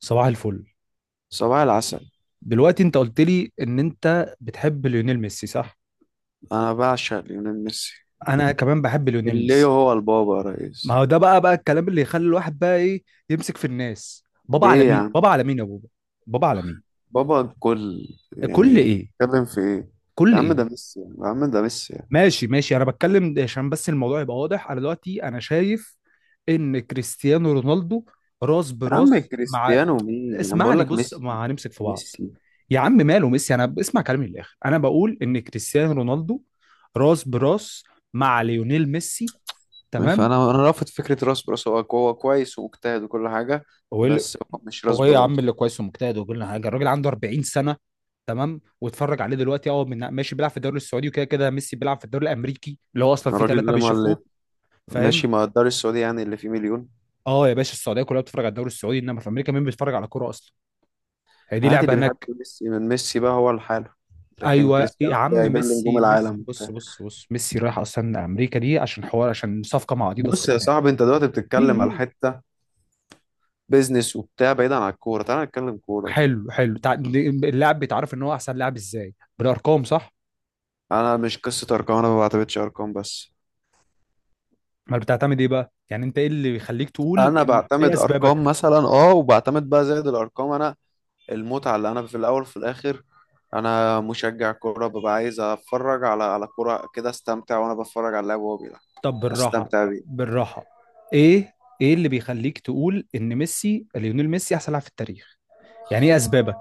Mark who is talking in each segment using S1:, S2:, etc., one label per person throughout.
S1: صباح الفل.
S2: صباح العسل.
S1: دلوقتي انت قلت لي ان انت بتحب ليونيل ميسي صح؟
S2: انا بعشق ليونيل ميسي
S1: انا كمان بحب ليونيل
S2: اللي
S1: ميسي.
S2: هو البابا يا
S1: ما
S2: ريس.
S1: هو ده بقى الكلام اللي يخلي الواحد بقى ايه يمسك في الناس، بابا على
S2: ليه يا
S1: مين،
S2: عم؟
S1: بابا على مين يا بابا، بابا على مين؟
S2: بابا الكل.
S1: كل
S2: يعني
S1: ايه؟
S2: بتتكلم في ايه؟ يا
S1: كل
S2: عم
S1: ايه؟
S2: ده ميسي يا عم ده ميسي يا
S1: ماشي ماشي، انا بتكلم ده عشان بس الموضوع يبقى واضح. انا دلوقتي شايف ان كريستيانو رونالدو راس
S2: عم.
S1: براس مع...
S2: كريستيانو مين يعني؟ بقول
S1: اسمعني،
S2: لك
S1: بص،
S2: ميسي
S1: ما هنمسك في بعض.
S2: ميسي.
S1: يا عم ماله ميسي، انا اسمع كلامي للاخر، انا بقول ان كريستيانو رونالدو راس براس مع ليونيل ميسي، تمام؟
S2: فانا انا رافض فكره راس براس. هو هو كويس واجتهد وكل حاجه،
S1: هو ايه اللي-
S2: بس هو مش راس
S1: هو ايه يا عم
S2: براس.
S1: اللي كويس ومجتهد ويقول لنا حاجه؟ الراجل عنده 40 سنه، تمام، واتفرج عليه دلوقتي. اه، من ماشي بيلعب في الدوري السعودي، وكده كده ميسي بيلعب في الدوري الامريكي اللي هو اصلا فيه
S2: الراجل
S1: ثلاثه
S2: اللي ما اللي
S1: بيشوفوه، فاهم؟
S2: ماشي مع الدار السعودي، يعني اللي فيه مليون.
S1: اه يا باشا، السعوديه كلها بتتفرج على الدوري السعودي، انما في امريكا مين بيتفرج على كوره اصلا؟ هي دي
S2: عادي،
S1: لعبه
S2: اللي بيحب
S1: هناك؟
S2: ميسي من ميسي بقى هو لحاله، لكن
S1: ايوه يا
S2: كريستيانو
S1: عم،
S2: جايبين له نجوم
S1: ميسي ميسي،
S2: العالم.
S1: بص، ميسي رايح اصلا امريكا دي عشان حوار، عشان صفقه مع اديداس
S2: بص يا
S1: وبتاع...
S2: صاحبي، انت دلوقتي
S1: إيه
S2: بتتكلم على
S1: إيه.
S2: حته بيزنس وبتاع بعيد عن الكوره. تعال نتكلم كوره.
S1: حلو حلو، اللاعب بيتعرف ان هو احسن لاعب ازاي؟ بالارقام، صح؟
S2: انا مش قصه ارقام، انا ما بعتمدش ارقام بس.
S1: ما بتعتمد ايه بقى؟ يعني انت ايه اللي بيخليك تقول
S2: انا
S1: ايه
S2: بعتمد ارقام
S1: اسبابك؟
S2: مثلا، اه، وبعتمد بقى زائد الارقام انا المتعه، اللي انا في الاول وفي الاخر انا مشجع كوره. ببقى عايز اتفرج على كوره كده، استمتع وانا بتفرج على اللاعب وهو بيلعب.
S1: طب بالراحه،
S2: استمتع بيه.
S1: بالراحه. ايه؟ ايه اللي بيخليك تقول ان ميسي، ليونيل ميسي، احسن لاعب في التاريخ؟ يعني ايه اسبابك؟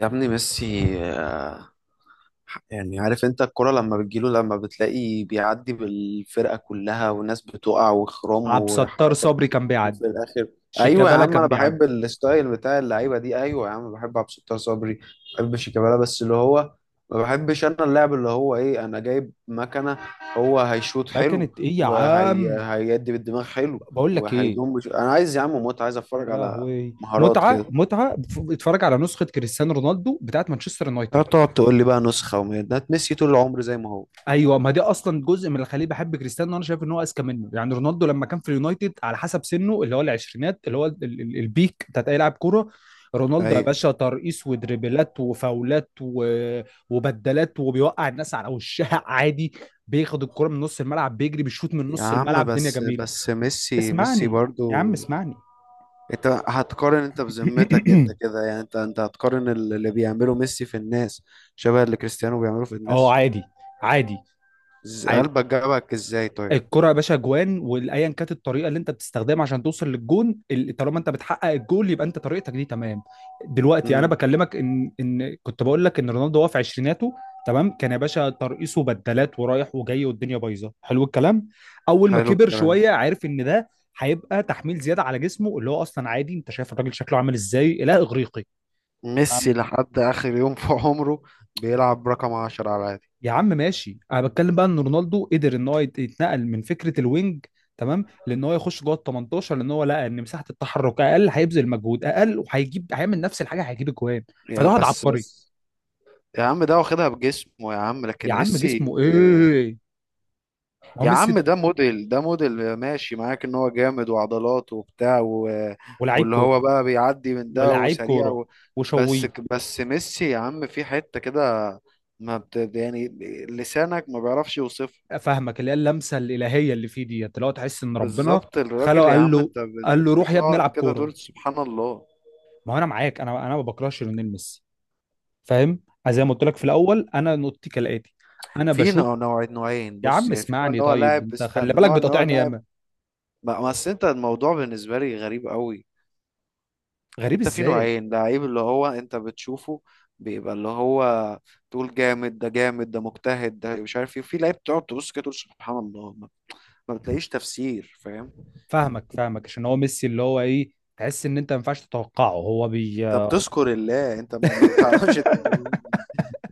S2: يا ابني ميسي، يعني عارف انت الكرة لما بتجيله لما بتلاقي بيعدي بالفرقة كلها والناس بتقع وخرام
S1: عبد الستار
S2: وحركات
S1: صبري كان
S2: وفي
S1: بيعدي،
S2: الاخر. ايوه يا
S1: شيكابالا
S2: عم،
S1: كان
S2: انا بحب
S1: بيعدي.
S2: الستايل بتاع اللعيبه دي. ايوه يا عم، بحب عبد الستار صبري، بحب شيكابالا. بس اللي هو ما بحبش انا اللعب اللي هو ايه، انا جايب مكنه هو هيشوط
S1: ما
S2: حلو
S1: كانت ايه يا
S2: وهي
S1: عم؟
S2: هيدي بالدماغ حلو
S1: بقول لك ايه؟
S2: انا عايز يا عم متعه، عايز
S1: يا
S2: اتفرج على
S1: لهوي
S2: مهارات
S1: متعه
S2: كده.
S1: متعه، اتفرج على نسخه كريستيانو رونالدو بتاعت مانشستر
S2: لا
S1: يونايتد.
S2: تقعد تقول لي بقى نسخه وميادات. ميسي طول العمر زي ما هو.
S1: ايوه، ما دي اصلا جزء من اللي خليه بحب كريستيانو. انا شايف ان هو اذكى منه. يعني رونالدو لما كان في اليونايتد على حسب سنه، اللي هو العشرينات، اللي هو البيك بتاعت اي لاعب كوره. رونالدو يا
S2: ايوه
S1: باشا ترقيص ودريبلات وفاولات و... وبدلات وبيوقع الناس على وشها عادي. بياخد الكرة من نص الملعب، بيجري، بيشوط من
S2: يا
S1: نص
S2: عم،
S1: الملعب، دنيا
S2: بس
S1: جميلة.
S2: بس ميسي ميسي
S1: اسمعني، يا
S2: برضو.
S1: عم اسمعني.
S2: انت هتقارن؟ انت بذمتك انت كده، يعني انت هتقارن اللي بيعمله ميسي في الناس شبه اللي كريستيانو بيعمله في
S1: اه
S2: الناس؟
S1: عادي، عادي، عادي.
S2: قلبك جابك ازاي طيب؟
S1: الكرة يا باشا جوان، وايا كانت الطريقه اللي انت بتستخدمها عشان توصل للجون، طالما انت بتحقق الجول يبقى انت طريقتك دي تمام. دلوقتي انا
S2: امم
S1: بكلمك ان كنت بقول لك ان رونالدو هو في عشريناته، تمام، كان يا باشا ترقيصه بدلات ورايح وجاي والدنيا بايظه، حلو الكلام. اول ما
S2: حلو
S1: كبر
S2: الكلام.
S1: شويه، عارف ان ده هيبقى تحميل زياده على جسمه اللي هو اصلا عادي، انت شايف الراجل شكله عامل ازاي، اله اغريقي.
S2: ميسي لحد اخر يوم في عمره بيلعب رقم 10 على العادي.
S1: يا عم ماشي، انا بتكلم بقى ان رونالدو قدر ان هو يتنقل من فكره الوينج، تمام، لان هو يخش جوه ال 18، لان هو لقى ان مساحه التحرك اقل، هيبذل مجهود اقل، وهيجيب، هيعمل نفس الحاجه، هيجيب اجوان. فده
S2: يا
S1: واحد
S2: بس
S1: عبقري.
S2: بس، يا عم ده واخدها بجسمه يا عم،
S1: يا
S2: لكن
S1: عم
S2: ميسي.
S1: جسمه ايه، ما هو
S2: يا
S1: ميسي
S2: عم
S1: ده.
S2: ده موديل، ده موديل ماشي معاك ان هو جامد وعضلات وبتاع و...
S1: ولاعيب
S2: واللي
S1: كوره،
S2: هو بقى بيعدي من ده
S1: ولاعيب
S2: وسريع
S1: كوره
S2: و... بس
S1: وشويه.
S2: بس ميسي يا عم في حتة كده، ما بت... يعني لسانك ما بيعرفش يوصفها.
S1: فاهمك، اللي هي اللمسه الالهيه اللي فيه ديت، اللي هو تحس ان ربنا
S2: بالظبط
S1: خلقه
S2: الراجل يا
S1: قال
S2: عم
S1: له،
S2: انت
S1: قال له روح يا ابني
S2: بتقعد
S1: العب
S2: كده
S1: كوره.
S2: تقول سبحان الله.
S1: ما هو انا معاك، انا ما بكرهش ليونيل ميسي، فاهم؟ زي ما قلت لك في الاول، انا نقطتي كالاتي. انا
S2: في
S1: بشوف...
S2: نوعين.
S1: يا
S2: بص
S1: عم
S2: يعني في نوع ان
S1: اسمعني،
S2: هو
S1: طيب
S2: لاعب،
S1: انت خلي
S2: استنى،
S1: بالك
S2: نوع ان هو
S1: بتقاطعني
S2: لاعب.
S1: ياما.
S2: بس انت الموضوع بالنسبة لي غريب قوي.
S1: غريب
S2: انت في
S1: ازاي؟
S2: نوعين لعيب، اللي هو انت بتشوفه بيبقى اللي هو تقول جامد، ده جامد، ده مجتهد، ده مش عارف ايه، وفي لعيب تقعد تبص كده تقول سبحان الله. ما بتلاقيش تفسير، فاهم؟
S1: فاهمك فاهمك، عشان هو ميسي اللي هو ايه، تحس ان انت ما ينفعش تتوقعه، هو بي...
S2: انت بتذكر الله، انت ما بتعرفش تعمل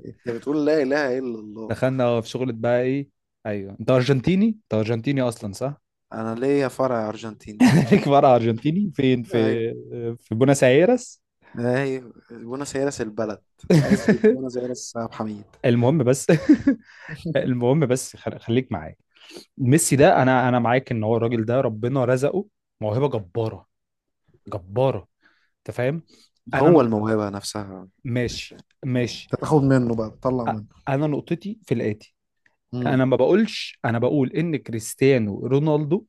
S2: ايه. انت بتقول لا اله الا الله.
S1: دخلنا في شغلة بقى ايه؟ ايوه، انت ارجنتيني، انت ارجنتيني اصلا، صح؟
S2: انا ليا فرع ارجنتيني.
S1: ليك فرع ارجنتيني فين؟
S2: ايوه،
S1: في في بوناس ايرس؟
S2: ايوه، بوينس ايرس البلد. عزبة بوينس ايرس عبد الحميد.
S1: المهم بس، المهم بس، خليك معايا. ميسي ده، انا معاك ان هو الراجل ده ربنا رزقه موهبة جبارة، جبارة، انت فاهم؟ انا
S2: هو
S1: نقطة...
S2: الموهبة نفسها مش...
S1: ماشي، ماشي.
S2: انت تاخد منه بقى تطلع
S1: أ-
S2: منه.
S1: انا نقطتي في الاتي. انا
S2: مم.
S1: ما بقولش، انا بقول ان كريستيانو رونالدو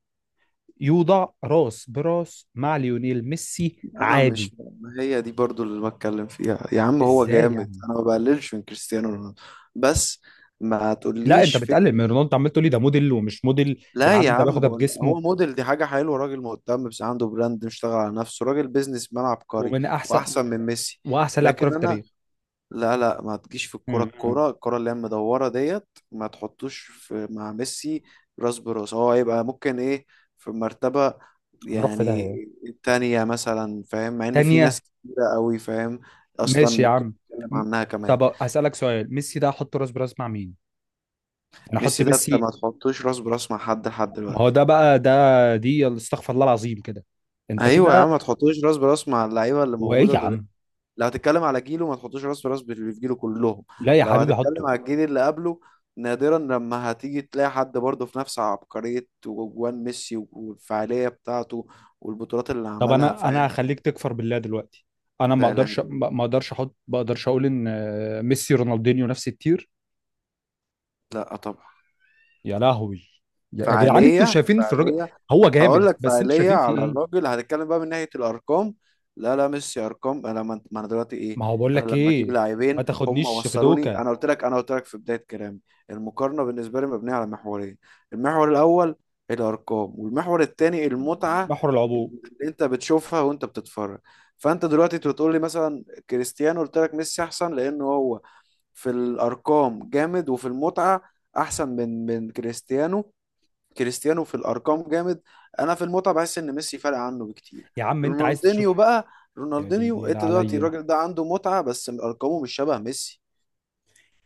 S1: يوضع راس براس مع ليونيل ميسي،
S2: انا
S1: عادي.
S2: مش... ما هي دي برضو اللي بتكلم فيها يا عم. هو
S1: ازاي
S2: جامد،
S1: يعني؟
S2: انا ما بقللش من كريستيانو رونالدو، بس ما
S1: لا انت
S2: تقوليش فك.
S1: بتقلل من رونالدو، عمال تقول لي ده موديل ومش موديل، يا
S2: لا يا
S1: عم ده
S2: عم،
S1: باخدها
S2: بقول
S1: بجسمه
S2: هو موديل. دي حاجه حلوه، راجل مهتم، بس عنده براند، مشتغل على نفسه، راجل بيزنس مان عبقري.
S1: ومن احسن...
S2: واحسن من ميسي؟
S1: واحسن لاعب كره
S2: لكن
S1: في
S2: انا...
S1: التاريخ.
S2: لا لا، ما تجيش في الكرة،
S1: م- م.
S2: الكرة، الكرة اللي هي المدورة ديت، ما تحطوش في مع ميسي راس براس. هو هيبقى ممكن ايه؟ في مرتبة،
S1: هنروح في
S2: يعني
S1: داهيه
S2: التانية مثلا، فاهم، مع ان في
S1: تانية.
S2: ناس كتيرة قوي، فاهم، اصلا
S1: ماشي يا
S2: ممكن
S1: عم.
S2: نتكلم
S1: م-
S2: عنها كمان.
S1: طب هسألك سؤال، ميسي ده احط راس براس مع مين؟ انا احط
S2: ميسي ده انت
S1: ميسي.
S2: ما تحطوش راس براس مع حد لحد
S1: ما هو
S2: دلوقتي.
S1: ده بقى ده، دي استغفر الله العظيم كده، انت
S2: ايوه يا
S1: كده.
S2: عم، ما تحطوش راس براس مع اللعيبة اللي
S1: وايه يا
S2: موجودة.
S1: عم؟
S2: لو هتتكلم على جيله، ما تحطش راس براس باللي في جيله كلهم.
S1: لا يا
S2: لو
S1: حبيبي
S2: هتتكلم
S1: حطه.
S2: على الجيل اللي قبله، نادرا لما هتيجي تلاقي حد برضه في نفس عبقرية وجوان ميسي والفعالية بتاعته والبطولات اللي
S1: طب
S2: عملها،
S1: انا، انا
S2: فاهم.
S1: هخليك تكفر بالله دلوقتي. انا ما
S2: ده لا،
S1: اقدرش، ما اقدرش احط، ما اقدرش اقول ان ميسي رونالدينيو نفس التير.
S2: لا طبعا.
S1: يا لهوي. يا جدعان، انتوا
S2: فعالية
S1: شايفين في الراجل؟
S2: فعالية.
S1: هو
S2: هقول
S1: جامد،
S2: لك
S1: بس انتوا
S2: فعالية،
S1: شايفين في
S2: على
S1: ايه؟
S2: الراجل هنتكلم بقى من ناحية الأرقام. لا لا، ميسي أرقام. أنا ما أنا دلوقتي إيه.
S1: ما هو بقول
S2: أنا
S1: لك
S2: لما أجيب
S1: ايه. ما
S2: لاعبين هم
S1: تاخدنيش في
S2: وصلوني،
S1: دوكا.
S2: أنا قلت لك، أنا قلت لك في بداية كلامي، المقارنة بالنسبة لي مبنية على محورين. المحور الأول الأرقام، والمحور الثاني المتعة
S1: محور
S2: اللي
S1: العبور.
S2: أنت بتشوفها وأنت بتتفرج. فأنت دلوقتي بتقول لي مثلا كريستيانو، قلت لك ميسي أحسن لأنه هو في الأرقام جامد، وفي المتعة أحسن من كريستيانو. كريستيانو في الارقام جامد. انا في المتعه بحس ان ميسي فارق عنه بكتير.
S1: يا عم انت عايز تشوف.
S2: رونالدينيو بقى،
S1: يا دي
S2: رونالدينيو،
S1: النيلة
S2: انت دلوقتي
S1: عليا.
S2: الراجل ده عنده متعه، بس ارقامه مش شبه ميسي.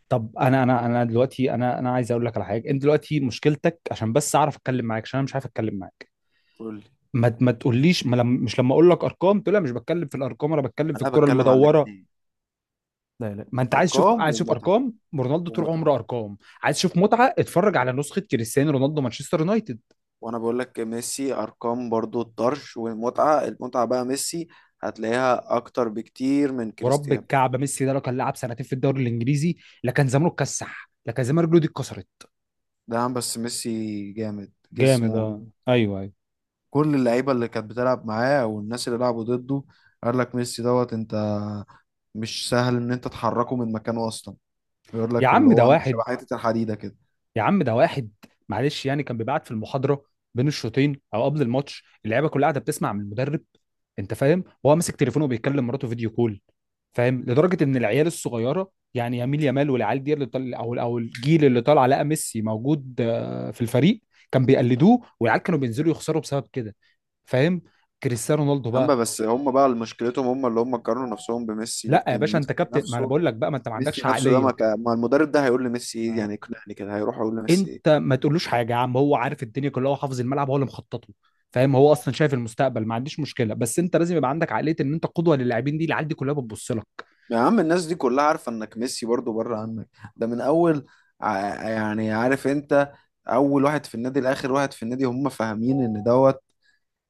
S1: طب انا دلوقتي، انا عايز اقول لك على حاجه، انت دلوقتي مشكلتك، عشان بس اعرف اتكلم معاك، عشان انا مش عارف اتكلم معاك.
S2: قول لي.
S1: ما تقوليش، ما لم، مش لما اقول لك ارقام تقول لي أنا مش بتكلم في الارقام، انا بتكلم في
S2: انا
S1: الكره
S2: بتكلم على
S1: المدوره.
S2: الاثنين.
S1: لا، ما انت عايز تشوف،
S2: ارقام
S1: عايز تشوف
S2: ومتعه،
S1: ارقام رونالدو طول
S2: ومتعه.
S1: عمره ارقام، عايز تشوف متعه اتفرج على نسخه كريستيانو رونالدو مانشستر يونايتد.
S2: وانا بقول لك ميسي ارقام برضو الطرش، والمتعه، المتعه بقى ميسي هتلاقيها اكتر بكتير من
S1: ورب
S2: كريستيانو.
S1: الكعبه، ميسي ده لو كان لعب سنتين في الدوري الانجليزي لا كان زمانه اتكسح، لا كان زمان رجله دي اتكسرت.
S2: ده عم بس ميسي جامد
S1: جامد؟
S2: جسمه.
S1: اه ايوه ايوه.
S2: كل اللعيبه اللي كانت بتلعب معاه والناس اللي لعبوا ضده قال لك ميسي دوت. انت مش سهل ان انت تحركه من مكانه اصلا. يقول
S1: يا
S2: لك اللي
S1: عم
S2: هو
S1: ده
S2: عامل شبه
S1: واحد،
S2: حته الحديده كده.
S1: يا عم ده واحد، معلش، يعني كان بيبعت في المحاضره بين الشوطين او قبل الماتش، اللعيبه كلها قاعده بتسمع من المدرب، انت فاهم، وهو ماسك تليفونه وبيكلم مراته فيديو كول، فاهم؟ لدرجه ان العيال الصغيره يعني يميل يامال، والعيال دي اللي طل... او او الجيل اللي طالع لقى ميسي موجود في الفريق، كان بيقلدوه، والعيال كانوا بينزلوا يخسروا بسبب كده، فاهم؟ كريستيانو رونالدو
S2: اما
S1: بقى...
S2: بس هم بقى مشكلتهم، هم اللي هم قارنوا نفسهم بميسي،
S1: لا يا
S2: لكن
S1: باشا
S2: ميسي
S1: انت كابتن، ما انا
S2: نفسه.
S1: بقول لك بقى، ما انت ما
S2: ميسي
S1: عندكش
S2: نفسه ده
S1: عقليه.
S2: ما المدرب ده هيقول لميسي ايه
S1: آه.
S2: يعني يقنعني كده؟ هيروح يقول لميسي
S1: انت
S2: ايه؟
S1: ما تقولوش حاجه يا عم، هو عارف الدنيا كلها، هو حافظ الملعب، هو اللي مخطط له، فاهم؟ هو اصلا شايف المستقبل، ما عنديش مشكله، بس انت لازم يبقى عندك عقليه ان انت قدوه للاعبين، دي العيال دي كلها بتبص لك.
S2: يا عم الناس دي كلها عارفه انك ميسي برضو بره عنك. ده من اول، يعني عارف انت، اول واحد في النادي لاخر واحد في النادي هم فاهمين ان دوت.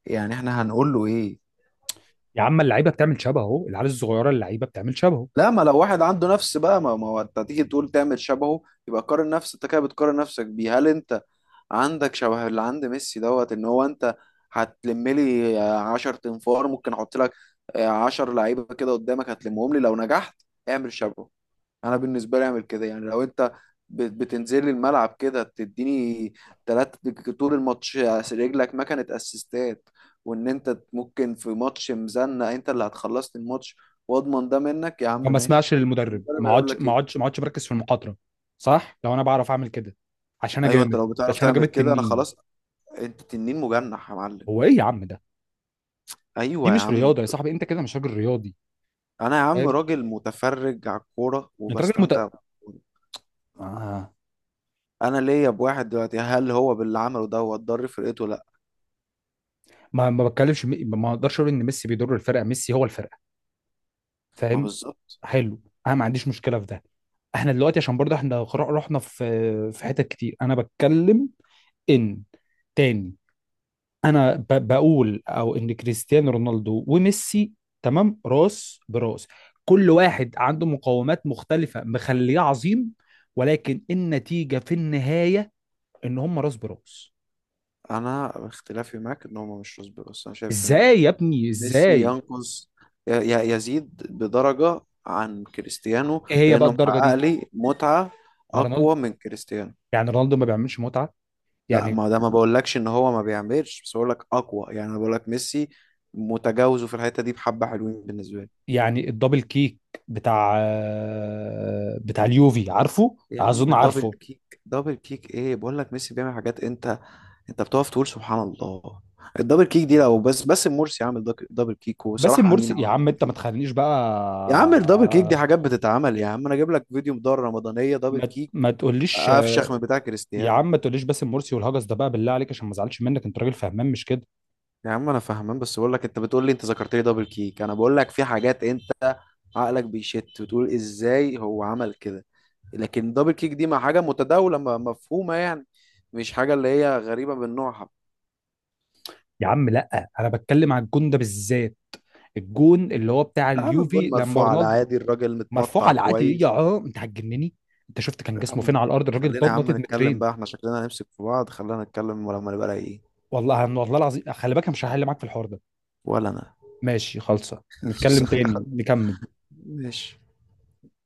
S2: يعني احنا هنقول له ايه؟
S1: يا عم اللعيبه بتعمل شبهه، العيال الصغيره اللعيبه بتعمل شبهه.
S2: لا، ما لو واحد عنده نفس بقى، ما هو انت تيجي تقول تعمل شبهه. يبقى قارن نفسك. انت كده بتقارن نفسك بيه. هل انت عندك شبه اللي عند ميسي دوت ان هو انت هتلم لي 10 تنفار؟ ممكن احط لك 10 لعيبه كده قدامك، هتلمهم لي لو نجحت؟ اعمل شبهه. انا بالنسبه لي اعمل كده يعني. لو انت بتنزل لي الملعب كده، تديني ثلاثة طول الماتش رجلك ما كانت اسيستات، وان انت ممكن في ماتش مزنق انت اللي هتخلصني الماتش، واضمن ده منك يا عم،
S1: فما
S2: ماشي.
S1: اسمعش للمدرب؟
S2: المدرب
S1: ما
S2: هيقول
S1: اقعدش
S2: لك
S1: ما
S2: ايه؟
S1: اقعدش ما اقعدش مركز في المقاطره؟ صح، لو انا بعرف اعمل كده، عشان انا
S2: ايوه انت
S1: جامد،
S2: لو بتعرف
S1: عشان انا
S2: تعمل
S1: جامد
S2: كده انا
S1: تنين.
S2: خلاص. انت تنين مجنح يا معلم.
S1: هو ايه يا عم ده، دي
S2: ايوه يا
S1: مش
S2: عم.
S1: رياضه يا صاحبي، انت كده مش راجل رياضي،
S2: انا يا عم
S1: فاهم؟
S2: راجل متفرج على الكوره
S1: انت راجل مت...
S2: وبستمتع بالكورة.
S1: آه.
S2: انا ليا بواحد دلوقتي، هل هو باللي عمله ده هو ضر فرقته؟ لا.
S1: ما بتكلمش، ما اقدرش اقول ان ميسي بيضر الفرقه، ميسي هو الفرقه،
S2: ما
S1: فاهم؟
S2: بالظبط.
S1: حلو، انا ما عنديش مشكله في ده. احنا دلوقتي عشان برضه احنا رحنا في، في حتت كتير. انا بتكلم ان، تاني، انا بقول او ان كريستيانو رونالدو وميسي، تمام، راس براس. كل واحد عنده مقومات مختلفة مخليه عظيم، ولكن النتيجة في النهاية ان هم راس براس.
S2: انا اختلافي معاك ان هما مش رسبي، بس انا شايف ان
S1: ازاي يا ابني
S2: ميسي
S1: ازاي؟
S2: ينقص يزيد بدرجة عن كريستيانو
S1: ايه هي بقى
S2: لانه
S1: الدرجة
S2: محقق
S1: دي؟
S2: لي متعة
S1: ما
S2: اقوى
S1: رونالدو،
S2: من كريستيانو.
S1: يعني رونالدو ما بيعملش متعة
S2: لا،
S1: يعني؟
S2: ما ده ما بقولكش ان هو ما بيعملش، بس بقولك اقوى، يعني انا بقولك ميسي متجاوزه في الحتة دي بحبة حلوين بالنسبة لي.
S1: يعني الدبل كيك بتاع، بتاع اليوفي، عارفه،
S2: يا عم
S1: اظن
S2: دبل
S1: عارفه.
S2: كيك، دبل كيك ايه؟ بقولك ميسي بيعمل حاجات انت انت بتقف تقول سبحان الله. الدبل كيك دي لو بس باسم مرسي عامل دبل كيك
S1: باسم
S2: وصلاح
S1: مرسي
S2: امين
S1: يا
S2: عمل
S1: عم
S2: دبل
S1: انت ما
S2: كيك.
S1: تخلينيش بقى.
S2: يا عم الدبل كيك دي حاجات بتتعمل يا عم، انا اجيب لك فيديو مدار رمضانيه دبل
S1: ما
S2: كيك
S1: ما تقوليش،
S2: افشخ من بتاع
S1: يا
S2: كريستيانو.
S1: عم ما تقوليش باسم مرسي والهجس ده بقى، بالله عليك، عشان ما ازعلش منك، انت راجل فهمان مش كده؟
S2: يا عم انا فاهمان، بس بقول لك انت بتقول لي، انت ذكرت لي دبل كيك، انا بقول لك في حاجات انت عقلك بيشت وتقول ازاي هو عمل كده. لكن دبل كيك دي مع حاجه متداوله، مفهومه، يعني مش حاجه اللي هي غريبه من نوعها.
S1: يا عم لا، انا بتكلم على الجون ده بالذات، الجون اللي هو بتاع
S2: يا عم
S1: اليوفي
S2: الجون
S1: لما
S2: مرفوع على
S1: رونالدو...
S2: عادي، الراجل
S1: مرفوع
S2: متمطع
S1: على العادي يا؟
S2: كويس.
S1: اه انت هتجنني، انت شفت كان
S2: يا
S1: جسمه فين
S2: عم
S1: على الارض؟ الراجل
S2: خلينا يا عم
S1: نطت
S2: نتكلم بقى،
S1: مترين.
S2: احنا شكلنا هنمسك في بعض، خلينا نتكلم لما نبقى رايقين.
S1: والله والله العظيم خلي بالك، أنا مش هحل معاك في الحوار ده.
S2: ولا انا.
S1: ماشي خالصه، نتكلم تاني نكمل.
S2: ماشي.